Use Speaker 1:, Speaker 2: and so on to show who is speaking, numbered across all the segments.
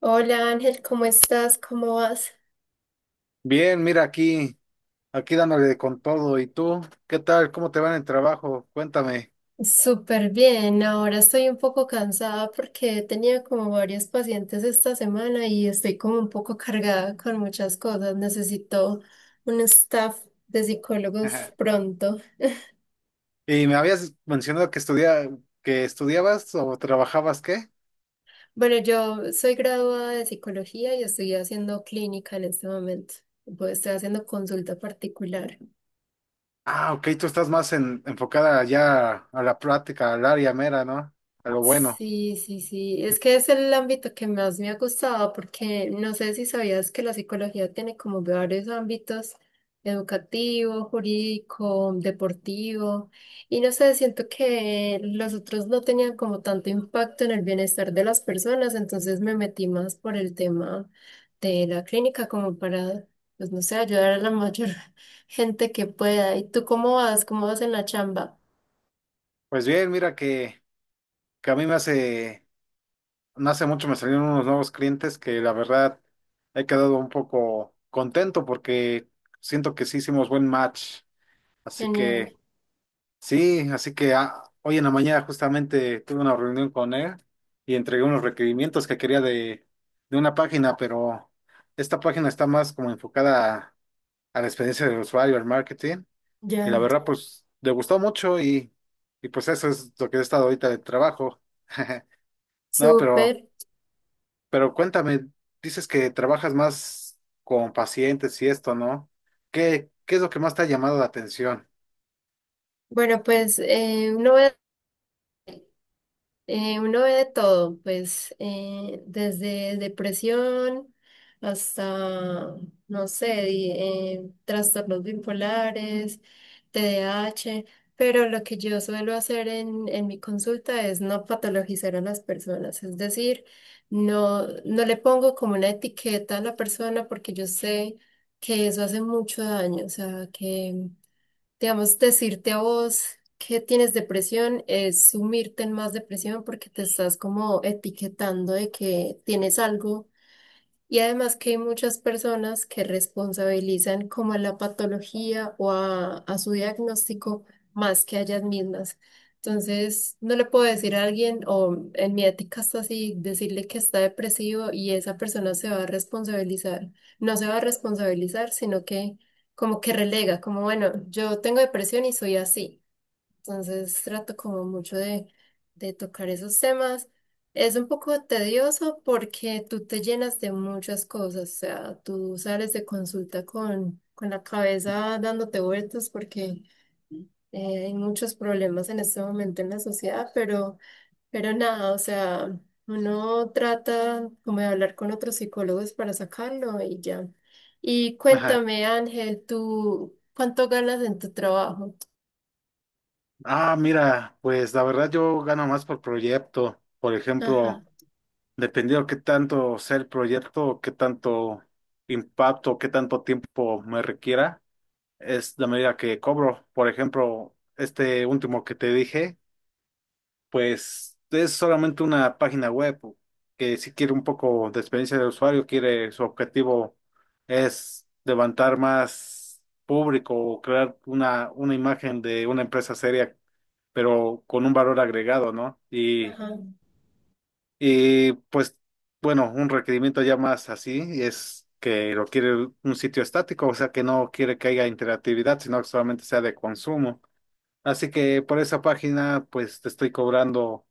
Speaker 1: Hola Ángel, ¿cómo estás? ¿Cómo vas?
Speaker 2: Bien, mira aquí, aquí dándole con todo. ¿Y tú? ¿Qué tal? ¿Cómo te va en el trabajo? Cuéntame.
Speaker 1: Súper bien, ahora estoy un poco cansada porque he tenido como varios pacientes esta semana y estoy como un poco cargada con muchas cosas. Necesito un staff de psicólogos pronto.
Speaker 2: Y me habías mencionado que estudiabas o trabajabas, ¿qué?
Speaker 1: Bueno, yo soy graduada de psicología y estoy haciendo clínica en este momento. Pues estoy haciendo consulta particular.
Speaker 2: Ah, ok, tú estás más enfocada ya a la práctica, al área mera, ¿no? A lo bueno.
Speaker 1: Sí, sí, sí. Es que es el ámbito que más me ha gustado porque no sé si sabías que la psicología tiene como varios ámbitos, educativo, jurídico, deportivo, y no sé, siento que los otros no tenían como tanto impacto en el bienestar de las personas, entonces me metí más por el tema de la clínica como para, pues no sé, ayudar a la mayor gente que pueda. ¿Y tú cómo vas? ¿Cómo vas en la chamba?
Speaker 2: Pues bien, mira que a mí no hace mucho me salieron unos nuevos clientes que la verdad he quedado un poco contento porque siento que sí hicimos buen match. Así
Speaker 1: Genial.
Speaker 2: que... Sí, así que ah, hoy en la mañana justamente tuve una reunión con él y entregué unos requerimientos que quería de una página, pero esta página está más como enfocada a la experiencia del usuario, al marketing, y la
Speaker 1: Ya.
Speaker 2: verdad pues le gustó mucho y pues eso es lo que he estado ahorita de trabajo. No, pero,
Speaker 1: Súper.
Speaker 2: pero cuéntame, dices que trabajas más con pacientes y esto, ¿no? ¿Qué es lo que más te ha llamado la atención?
Speaker 1: Bueno, pues uno uno ve de todo, pues desde depresión hasta, no sé, trastornos bipolares, TDAH. Pero lo que yo suelo hacer en mi consulta es no patologizar a las personas, es decir, no, no le pongo como una etiqueta a la persona porque yo sé que eso hace mucho daño, o sea, que... Digamos, decirte a vos que tienes depresión es sumirte en más depresión porque te estás como etiquetando de que tienes algo. Y además que hay muchas personas que responsabilizan como a la patología o a su diagnóstico más que a ellas mismas. Entonces, no le puedo decir a alguien, o en mi ética está así, decirle que está depresivo y esa persona se va a responsabilizar. No se va a responsabilizar, sino que como que relega, como bueno, yo tengo depresión y soy así. Entonces trato como mucho de tocar esos temas. Es un poco tedioso porque tú te llenas de muchas cosas, o sea, tú sales de consulta con la cabeza dándote vueltas porque hay muchos problemas en este momento en la sociedad, pero nada, o sea, uno trata como de hablar con otros psicólogos para sacarlo y ya. Y cuéntame, Ángel, ¿tú cuánto ganas en tu trabajo?
Speaker 2: Ah, mira, pues la verdad yo gano más por proyecto. Por
Speaker 1: Ajá,
Speaker 2: ejemplo, dependiendo qué tanto sea el proyecto, qué tanto impacto, qué tanto tiempo me requiera, es la medida que cobro. Por ejemplo, este último que te dije. Pues es solamente una página web que si quiere un poco de experiencia de usuario, quiere su objetivo es levantar más público o crear una imagen de una empresa seria, pero con un valor agregado, ¿no? Y,
Speaker 1: ajá.
Speaker 2: y pues bueno, un requerimiento ya más así es que lo quiere un sitio estático, o sea que no quiere que haya interactividad, sino que solamente sea de consumo. Así que por esa página, pues te estoy cobrando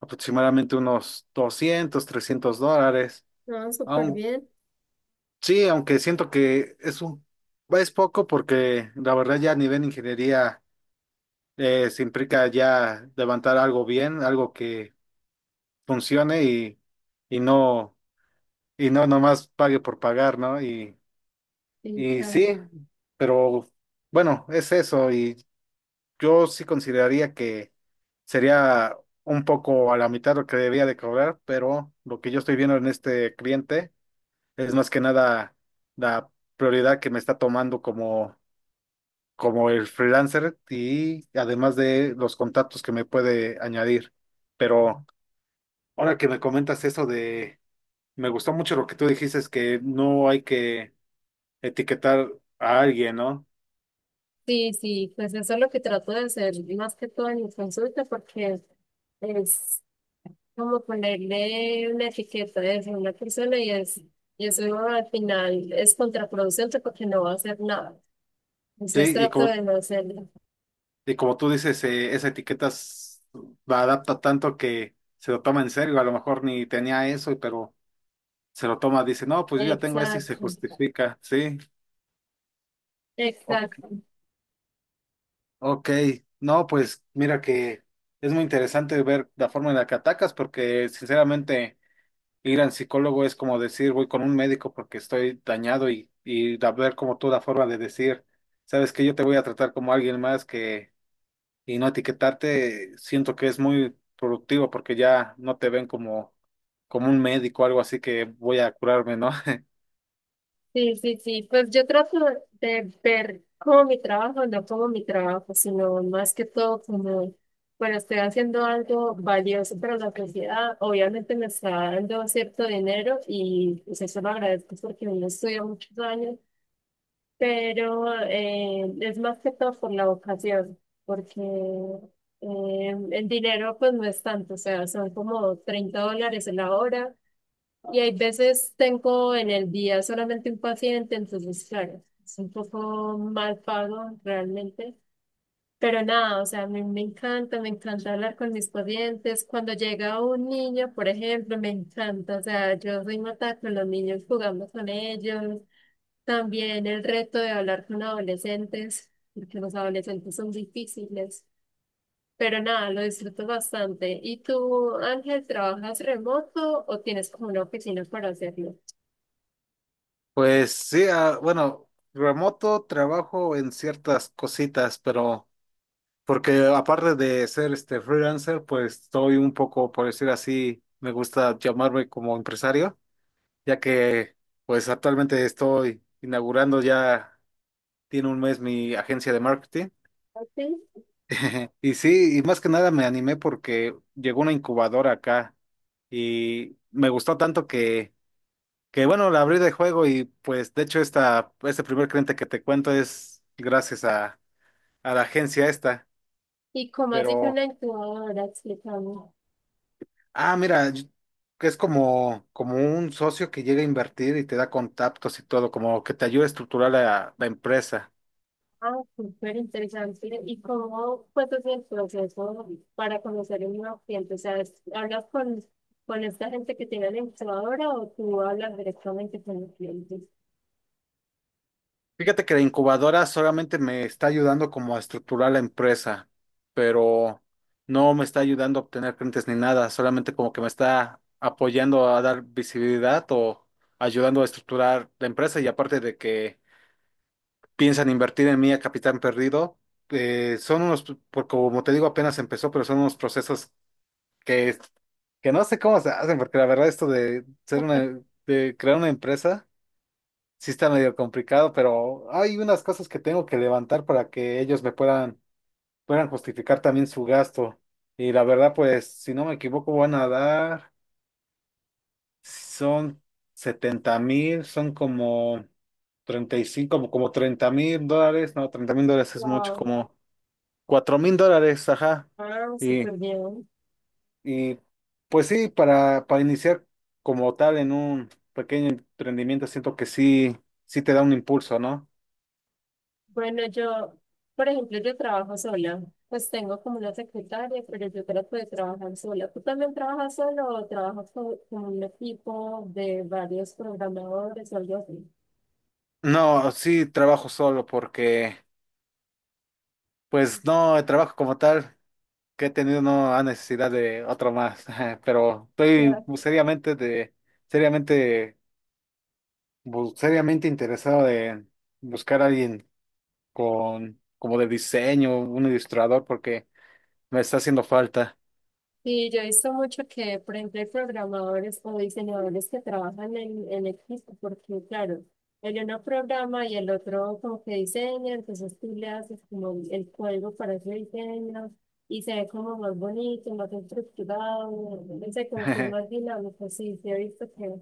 Speaker 2: aproximadamente unos $200-300.
Speaker 1: No, súper
Speaker 2: Aun,
Speaker 1: bien.
Speaker 2: sí, aunque siento que es poco porque la verdad ya a nivel de ingeniería se implica ya levantar algo bien, algo que funcione y, y no, y no nomás pague por pagar, ¿no? Y,
Speaker 1: Sí,
Speaker 2: y
Speaker 1: claro.
Speaker 2: sí, pero bueno, es eso y yo sí consideraría que sería un poco a la mitad lo que debía de cobrar, pero lo que yo estoy viendo en este cliente es más que nada la prioridad que me está tomando como el freelancer y además de los contactos que me puede añadir. Pero ahora que me comentas me gustó mucho lo que tú dijiste, es que no hay que etiquetar a alguien, ¿no?
Speaker 1: Sí, sí, pues eso es lo que trato de hacer más que todo en mi consulta porque es como ponerle una etiqueta de eso a una persona y es, y eso al final es contraproducente porque no va a hacer nada.
Speaker 2: Sí,
Speaker 1: Entonces
Speaker 2: y
Speaker 1: trato
Speaker 2: como,
Speaker 1: de no hacerlo.
Speaker 2: y como tú dices, esa etiqueta la adapta tanto que se lo toma en serio, a lo mejor ni tenía eso, pero se lo toma, dice, no, pues yo ya tengo esto y
Speaker 1: Exacto,
Speaker 2: se justifica, sí.
Speaker 1: exacto.
Speaker 2: Ok, no, pues mira que es muy interesante ver la forma en la que atacas porque sinceramente ir al psicólogo es como decir voy con un médico porque estoy dañado y ver como tú la forma de decir, sabes que yo te voy a tratar como alguien más que y no etiquetarte, siento que es muy productivo porque ya no te ven como un médico o algo así que voy a curarme, ¿no?
Speaker 1: Sí, sí, sí. Pues yo trato de ver como mi trabajo, no como mi trabajo, sino más que todo como, bueno, estoy haciendo algo valioso para la sociedad. Obviamente me está dando cierto dinero y pues eso lo agradezco porque no estudiado muchos años, pero es más que todo por la vocación, porque el dinero pues no es tanto, o sea, son como 30 dólares la hora y hay veces tengo en el día solamente un paciente, entonces, claro, es un poco mal pago realmente. Pero nada, o sea, a mí me encanta hablar con mis pacientes. Cuando llega un niño, por ejemplo, me encanta, o sea, yo soy mata con los niños, jugando con ellos. También el reto de hablar con adolescentes, porque los adolescentes son difíciles. Pero nada, lo disfruto bastante. ¿Y tú, Ángel, trabajas remoto o tienes como una oficina para hacerlo?
Speaker 2: Pues sí, ah, bueno, remoto trabajo en ciertas cositas, pero... Porque aparte de ser este freelancer, pues estoy un poco, por decir así, me gusta llamarme como empresario, ya que pues actualmente estoy inaugurando ya, tiene un mes mi agencia de marketing.
Speaker 1: Ok.
Speaker 2: Y sí, y más que nada me animé porque llegó una incubadora acá y me gustó tanto que bueno, la abrí de juego y pues de hecho este primer cliente que te cuento es gracias a la agencia esta,
Speaker 1: ¿Y cómo así que
Speaker 2: pero...
Speaker 1: una incubadora? Explícame.
Speaker 2: Ah, mira, yo- que es como un socio que llega a invertir y te da contactos y todo, como que te ayuda a estructurar la empresa.
Speaker 1: Ah, súper interesante. ¿Y cómo fue todo el proceso para conocer un nuevo cliente? O sea, es- ¿hablas con esta gente que tiene la incubadora o tú hablas directamente con los clientes?
Speaker 2: Fíjate que la incubadora solamente me está ayudando como a estructurar la empresa, pero no me está ayudando a obtener clientes ni nada, solamente como que me está apoyando a dar visibilidad o ayudando a estructurar la empresa y aparte de que piensan invertir en mí a capital perdido, son unos, porque como te digo, apenas empezó, pero son unos procesos que, que no sé cómo se hacen, porque la verdad esto de ser una, de crear una empresa, sí está medio complicado, pero hay unas cosas que tengo que levantar para que ellos me puedan justificar también su gasto. Y la verdad, pues, si no me equivoco, van a dar, son 70,000, son como 35 como, como $30,000, no, $30,000 es mucho,
Speaker 1: Wow.
Speaker 2: como $4,000, ajá.
Speaker 1: Ah,
Speaker 2: Y
Speaker 1: súper bien.
Speaker 2: Y pues sí, para iniciar como tal en un pequeño emprendimiento, siento que sí, sí te da un impulso, ¿no?
Speaker 1: Bueno, yo, por ejemplo, yo trabajo sola. Pues tengo como una secretaria, pero yo trato de trabajar sola. ¿Tú también trabajas solo o trabajas con un equipo de varios programadores o algo así?
Speaker 2: No, sí trabajo solo porque, pues no, el trabajo como tal que he tenido no ha necesidad de otro más, pero estoy seriamente, seriamente interesado de buscar a alguien con, como de diseño, un ilustrador, porque me está haciendo falta.
Speaker 1: Sí, yo he visto mucho que, por ejemplo, hay programadores o diseñadores que trabajan en equipo, porque claro, el uno programa y el otro como que diseña, entonces tú le haces como el código para ese diseño y se ve como más bonito, más estructurado, no sé, como que es más dinámico, sí, sí he visto que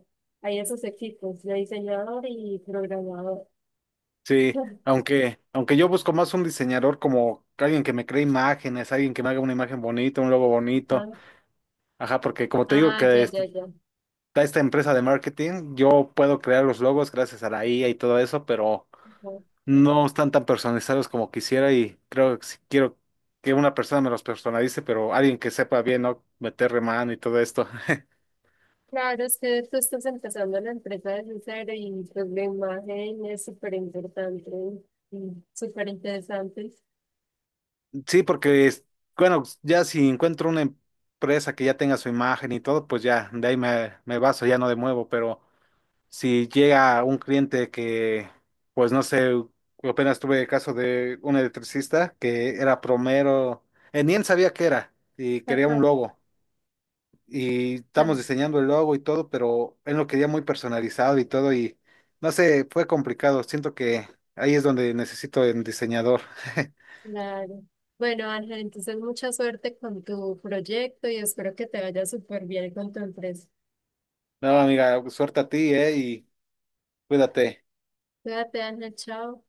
Speaker 1: hay esos equipos de diseñador y programador.
Speaker 2: Sí, aunque yo busco más un diseñador como alguien que me cree imágenes, alguien que me haga una imagen bonita, un logo bonito.
Speaker 1: Ajá.
Speaker 2: Ajá, porque como te digo
Speaker 1: Ah,
Speaker 2: que
Speaker 1: ya, ya,
Speaker 2: está
Speaker 1: ya.
Speaker 2: esta empresa de marketing, yo puedo crear los logos gracias a la IA y todo eso, pero
Speaker 1: Ajá.
Speaker 2: no están tan personalizados como quisiera y creo que si quiero que una persona me los personalice, pero alguien que sepa bien, ¿no? Meterle mano y todo esto.
Speaker 1: Claro, es que tú estás empezando la empresa desde cero y pues la imagen es súper importante y súper interesante.
Speaker 2: Sí, porque, bueno, ya si encuentro una empresa que ya tenga su imagen y todo, pues ya, de ahí me baso, ya no de nuevo, pero... si llega un cliente que, pues no sé, apenas tuve el caso de un electricista que era promero, ni él sabía qué era y quería un
Speaker 1: Ajá,
Speaker 2: logo. Y estamos
Speaker 1: ajá,
Speaker 2: diseñando el logo y todo, pero él lo quería muy personalizado y todo y no sé, fue complicado. Siento que ahí es donde necesito el diseñador.
Speaker 1: claro. Bueno, Ángel, entonces mucha suerte con tu proyecto y espero que te vaya súper bien con tu empresa.
Speaker 2: No, amiga, suerte a ti, y cuídate.
Speaker 1: Cuídate, Ángel, chao.